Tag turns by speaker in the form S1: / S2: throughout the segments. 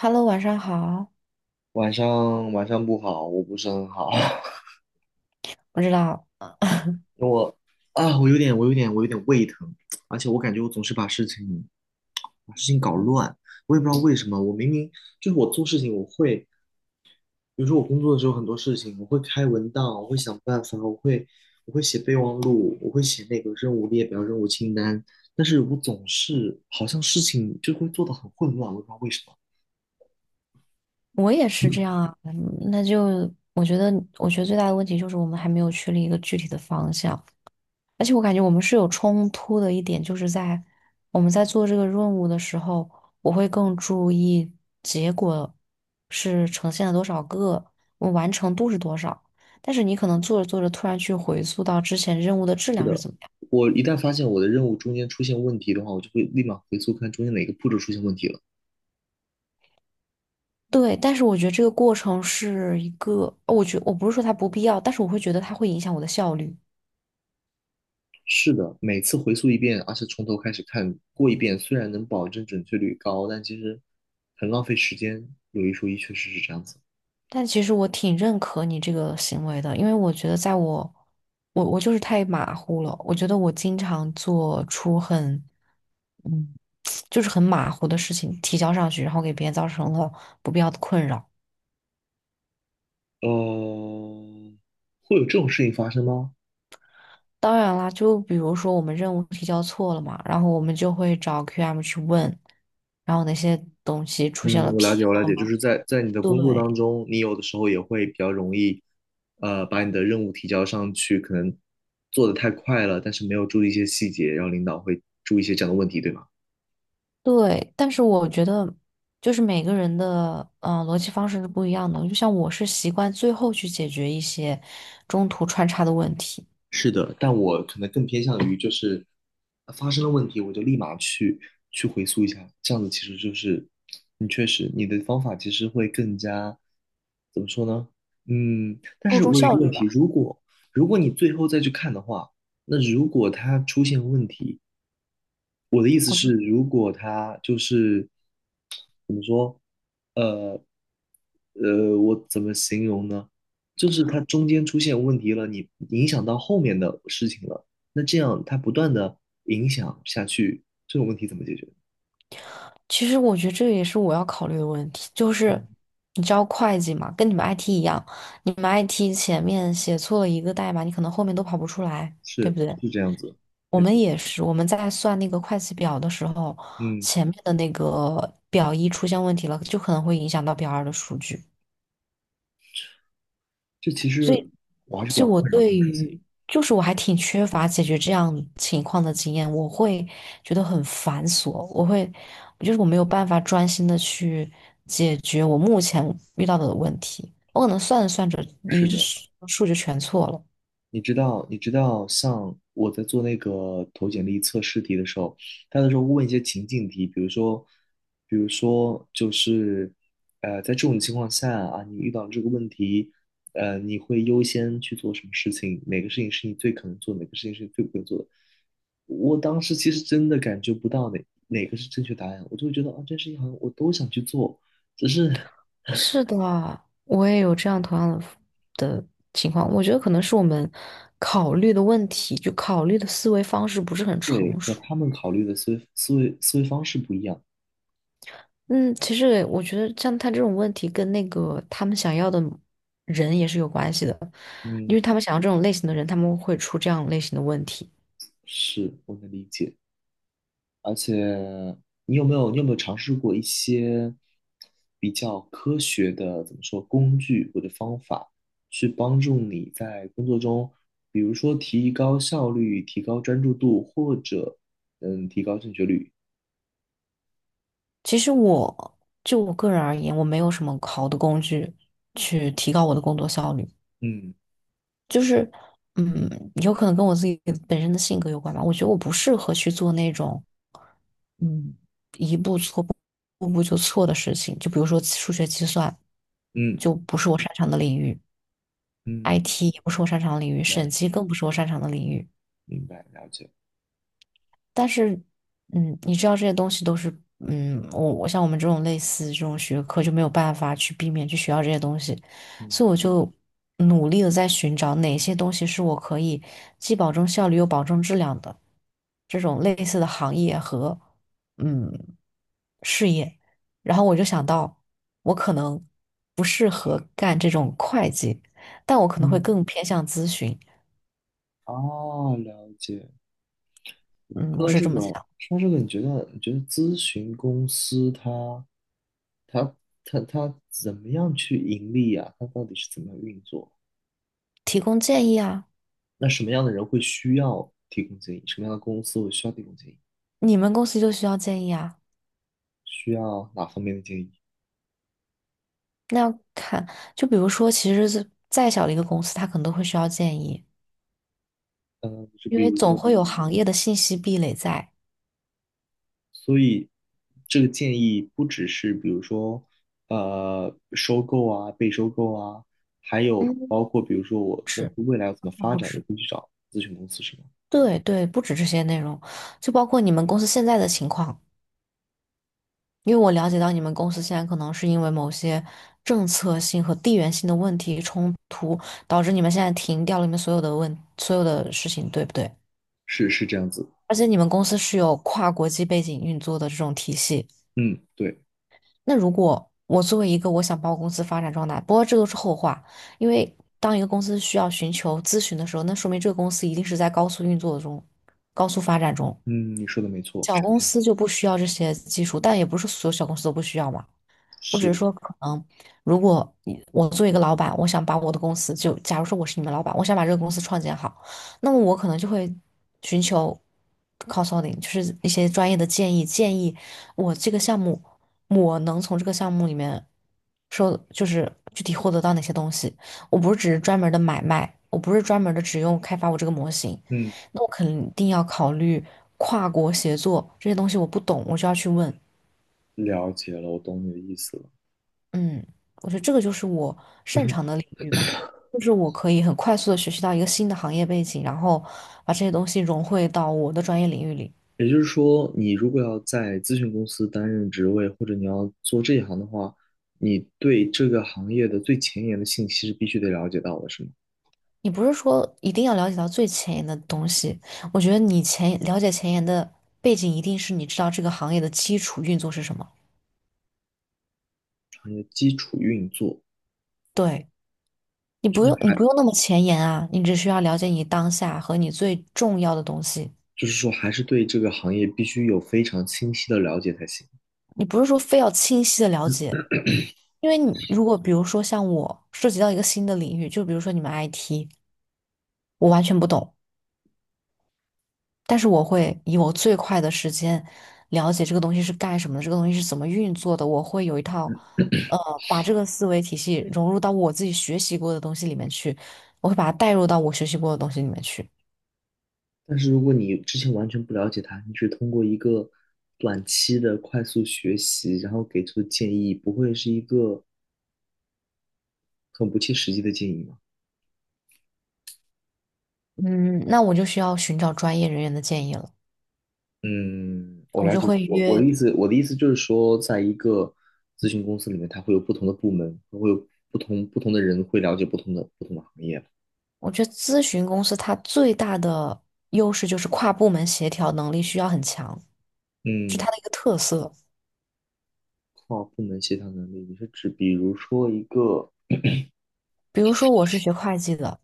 S1: Hello，晚上好。
S2: 晚上不好，我不是很好，
S1: 我知道，
S2: 因为我啊，我有点胃疼，而且我感觉我总是把事情搞乱，我也不知道为什么。我明明就是我做事情，我会，比如说我工作的时候很多事情，我会开文档，我会想办法，我会写备忘录，我会写那个任务列表、任务清单，但是我总是好像事情就会做的很混乱，我也不知道为什么。
S1: 我也是这样啊。嗯那就我觉得，我觉得最大的问题就是我们还没有确立一个具体的方向，而且我感觉我们是有冲突的一点，就是在我们在做这个任务的时候，我会更注意结果是呈现了多少个，我完成度是多少。但是你可能做着做着，突然去回溯到之前任务的质量是怎么样。
S2: 我一旦发现我的任务中间出现问题的话，我就会立马回溯看中间哪个步骤出现问题了。
S1: 对，但是我觉得这个过程是一个，我不是说它不必要，但是我会觉得它会影响我的效率。
S2: 是的，每次回溯一遍，而且从头开始看过一遍，虽然能保证准确率高，但其实很浪费时间。有一说一，确实是这样子。
S1: 但其实我挺认可你这个行为的，因为我觉得在我，我就是太马虎了。我觉得我经常做出很，嗯，就是很马虎的事情提交上去，然后给别人造成了不必要的困扰。
S2: 呃，会有这种事情发生吗？
S1: 当然啦，就比如说我们任务提交错了嘛，然后我们就会找 QM 去问，然后那些东西出现
S2: 嗯，
S1: 了
S2: 我了
S1: 纰
S2: 解，我了
S1: 漏
S2: 解，就
S1: 了。
S2: 是在你的工作当
S1: 对，
S2: 中，你有的时候也会比较容易，把你的任务提交上去，可能做的太快了，但是没有注意一些细节，然后领导会注意一些这样的问题，对吗？
S1: 对，但是我觉得就是每个人的逻辑方式是不一样的。就像我是习惯最后去解决一些中途穿插的问题，
S2: 是的，但我可能更偏向于就是发生了问题，我就立马去回溯一下，这样子其实就是你确实你的方法其实会更加怎么说呢？嗯，但
S1: 注
S2: 是
S1: 重
S2: 我有一
S1: 效
S2: 个问
S1: 率吧。
S2: 题，如果你最后再去看的话，那如果它出现问题，我的意思
S1: 我
S2: 是，
S1: 就
S2: 如果他就是怎么说，呃我怎么形容呢？就是他中间出现问题了，你影响到后面的事情了，那这样他不断的影响下去，这种问题怎么解决？
S1: 其实我觉得这也是我要考虑的问题，就
S2: 嗯，
S1: 是你知道会计嘛，跟你们 IT 一样，你们 IT 前面写错了一个代码，你可能后面都跑不出来，对不
S2: 是
S1: 对？
S2: 是这样子，
S1: 我
S2: 没
S1: 们
S2: 错，
S1: 也是，我们在算那个会计表的时候，
S2: 嗯，
S1: 前面的那个表一出现问题了，就可能会影响到表二的数据。
S2: 这其
S1: 所以。
S2: 实我还是比
S1: 所
S2: 较
S1: 以我
S2: 困扰这
S1: 对
S2: 种事情。
S1: 于就是我还挺缺乏解决这样情况的经验，我会觉得很繁琐，我会就是我没有办法专心的去解决我目前遇到的问题，我可能算着算着
S2: 是
S1: 一
S2: 的。
S1: 数数就全错了。
S2: 你知道，你知道，像我在做那个投简历测试题的时候，他那时候会问一些情境题，比如说，比如说就是，在这种情况下啊，你遇到这个问题，你会优先去做什么事情？哪个事情是你最可能做的哪个事情是你最不会做的？我当时其实真的感觉不到哪个是正确答案，我就会觉得啊，这事情好像我都想去做，只是
S1: 是的，我也有这样同样的情况，我觉得可能是我们考虑的问题，就考虑的思维方式不是很
S2: 对
S1: 成
S2: 和
S1: 熟。
S2: 他们考虑的思维方式不一样。
S1: 嗯，其实我觉得像他这种问题跟那个他们想要的人也是有关系的，因为
S2: 嗯，
S1: 他们想要这种类型的人，他们会出这样类型的问题。
S2: 是，我能理解。而且，你有没有尝试过一些比较科学的，怎么说，工具或者方法，去帮助你在工作中，比如说提高效率、提高专注度，或者嗯，提高正确率？
S1: 其实我个人而言，我没有什么好的工具去提高我的工作效率。
S2: 嗯
S1: 就是，嗯，有可能跟我自己本身的性格有关吧。我觉得我不适合去做那种，嗯，一步错步步步就错的事情。就比如说数学计算，
S2: 嗯
S1: 就不是我擅长的领域
S2: 嗯，
S1: ；IT 也不是我擅长的领域；
S2: 了
S1: 审
S2: 解，
S1: 计更不是我擅长的领域。
S2: 明白，了解。
S1: 但是，嗯，你知道这些东西都是，嗯，我像我们这种类似这种学科就没有办法去避免去学到这些东西，
S2: 嗯
S1: 所以我就努力的在寻找哪些东西是我可以既保证效率又保证质量的这种类似的行业和嗯事业，然后我就想到我可能不适合干这种会计，但我可能会
S2: 嗯，
S1: 更偏向咨询，
S2: 哦，了解。
S1: 嗯，
S2: 说
S1: 我
S2: 到
S1: 是
S2: 这
S1: 这
S2: 个，
S1: 么想，
S2: 说到这个，你觉得咨询公司它？他他怎么样去盈利啊？他到底是怎么样运作？
S1: 提供建议啊。
S2: 那什么样的人会需要提供建议？什么样的公司会需要提供建议？
S1: 你们公司就需要建议啊？
S2: 需要哪方面的建议？
S1: 那要看，就比如说，其实是再小的一个公司，它可能都会需要建议，
S2: 嗯，就
S1: 因
S2: 比
S1: 为
S2: 如
S1: 总
S2: 说，
S1: 会有行业的信息壁垒在。
S2: 所以这个建议不只是比如说，收购啊，被收购啊，还有
S1: 嗯，
S2: 包括比如说我公
S1: 是，
S2: 司未来要怎么发
S1: 不
S2: 展，也
S1: 止。
S2: 会去找咨询公司，是吗？
S1: 对对，不止这些内容，就包括你们公司现在的情况，因为我了解到你们公司现在可能是因为某些政策性和地缘性的问题冲突，导致你们现在停掉了你们所有的所有的事情，对不对？
S2: 是是这样子，
S1: 而且你们公司是有跨国际背景运作的这种体系。
S2: 嗯，对，
S1: 那如果我作为一个我想把我公司发展壮大，不过这都是后话，因为当一个公司需要寻求咨询的时候，那说明这个公司一定是在高速运作中、高速发展中。
S2: 嗯，你说的没错，
S1: 小
S2: 是
S1: 公
S2: 这样，
S1: 司就不需要这些技术，但也不是所有小公司都不需要嘛。我只是
S2: 是，
S1: 说，可能如果你我作为一个老板，我想把我的公司就，假如说我是你们老板，我想把这个公司创建好，那么我可能就会寻求 consulting，就是一些专业的建议，建议我这个项目，我能从这个项目里面就是具体获得到哪些东西。我不是只是专门的买卖，我不是专门的只用开发我这个模型，
S2: 嗯，
S1: 那我肯定要考虑跨国协作这些东西，我不懂，我就要去问。
S2: 了解了，我懂你的意思了。
S1: 嗯，我觉得这个就是我擅长的领域吧，就是我可以很快速的学习到一个新的行业背景，然后把这些东西融汇到我的专业领域里。
S2: 也就是说，你如果要在咨询公司担任职位，或者你要做这一行的话，你对这个行业的最前沿的信息是必须得了解到的，是吗？
S1: 你不是说一定要了解到最前沿的东西，我觉得了解前沿的背景，一定是你知道这个行业的基础运作是什么。
S2: 行业基础运作，
S1: 对，你不用
S2: 还
S1: 那么前沿啊，你只需要了解你当下和你最重要的东西。
S2: 就是说还是对这个行业必须有非常清晰的了解才行。
S1: 你不是说非要清晰的了解，因为你如果比如说像我涉及到一个新的领域，就比如说你们 IT，我完全不懂，但是我会以我最快的时间了解这个东西是干什么的，这个东西是怎么运作的，我会有一套，呃，把这个思维体系融入到我自己学习过的东西里面去，我会把它带入到我学习过的东西里面去。
S2: 但是如果你之前完全不了解它，你只通过一个短期的快速学习，然后给出的建议，不会是一个很不切实际的建议吗？
S1: 嗯，那我就需要寻找专业人员的建议了，
S2: 嗯，我
S1: 我
S2: 了
S1: 就
S2: 解。
S1: 会
S2: 我我的
S1: 约。
S2: 意思，我的意思就是说，在一个咨询公司里面，它会有不同的部门，它会有不同的人会了解不同的行业。
S1: 我觉得咨询公司它最大的优势就是跨部门协调能力需要很强，是
S2: 嗯，
S1: 它的一个特色。
S2: 跨部门协调能力，你是指比如说一个，
S1: 比如说我是学会计的，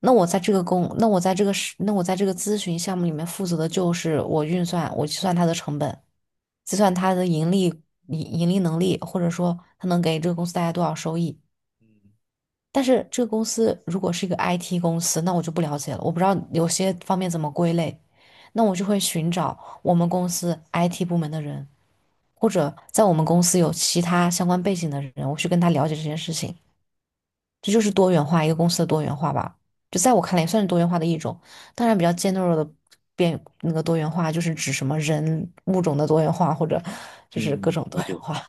S1: 那我在这个公，那我在这个是，那我在这个咨询项目里面负责的就是我运算，我计算它的成本，计算它的盈利能力，或者说它能给这个公司带来多少收益。
S2: 嗯
S1: 但是这个公司如果是一个 IT 公司，那我就不了解了，我不知道有些方面怎么归类，那我就会寻找我们公司 IT 部门的人，或者在我们公司有其他相关背景的人，我去跟他了解这件事情。这就是多元化，一个公司的多元化吧。就在我看来，也算是多元化的一种。当然，比较尖锐的变那个多元化，就是指什么人物种的多元化，或者就是各
S2: 嗯，
S1: 种多
S2: 了
S1: 元
S2: 解。
S1: 化。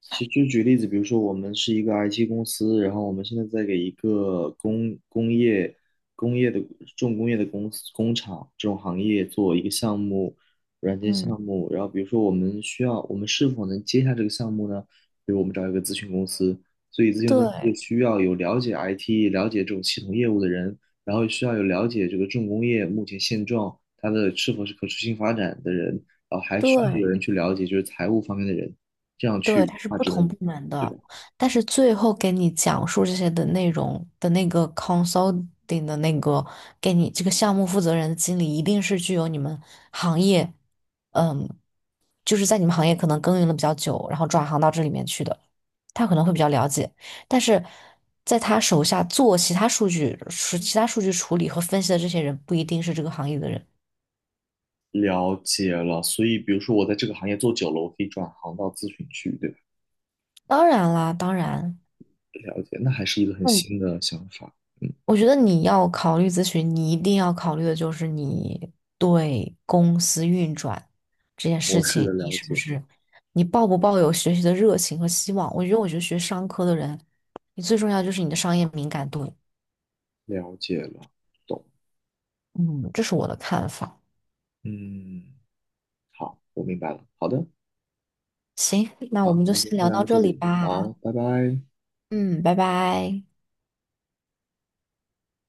S2: 其实就举例子，比如说我们是一个 IT 公司，然后我们现在在给一个工业的重工业的公司工厂这种行业做一个项目，软件
S1: 嗯，
S2: 项目。然后比如说我们需要，我们是否能接下这个项目呢？比如我们找一个咨询公司，所以咨询公司
S1: 对
S2: 需要有了解 IT、了解这种系统业务的人，然后需要有了解这个重工业目前现状，它的是否是可持续性发展的人，然后还需要有
S1: 对。
S2: 人去了解就是财务方面的人。这样
S1: 对，它
S2: 去
S1: 是
S2: 那
S1: 不
S2: 只
S1: 同
S2: 能
S1: 部门
S2: 对
S1: 的，
S2: 吧？
S1: 但是最后给你讲述这些的内容的那个 consulting 的那个给你这个项目负责人的经理，一定是具有你们行业，嗯，就是在你们行业可能耕耘了比较久，然后转行到这里面去的，他可能会比较了解，但是在他手下做其他数据、是其他数据处理和分析的这些人，不一定是这个行业的人。
S2: 了解了，所以比如说我在这个行业做久了，我可以转行到咨询去，对吧？
S1: 当然啦，当然。
S2: 了解，那还是一个很新的想法，嗯，
S1: 我觉得你要考虑咨询，你一定要考虑的就是你对公司运转这件
S2: 模
S1: 事
S2: 式的
S1: 情，
S2: 了解，
S1: 你抱不抱有学习的热情和希望？我觉得学商科的人，你最重要就是你的商业敏感度。
S2: 了解了，懂，
S1: 嗯，这是我的看法。
S2: 嗯，好，我明白了，好的，
S1: 行，那
S2: 好，
S1: 我们
S2: 我
S1: 就
S2: 们今天
S1: 先
S2: 就
S1: 聊
S2: 聊
S1: 到
S2: 到这
S1: 这里
S2: 里，好，
S1: 吧。
S2: 拜拜。
S1: 嗯，拜拜。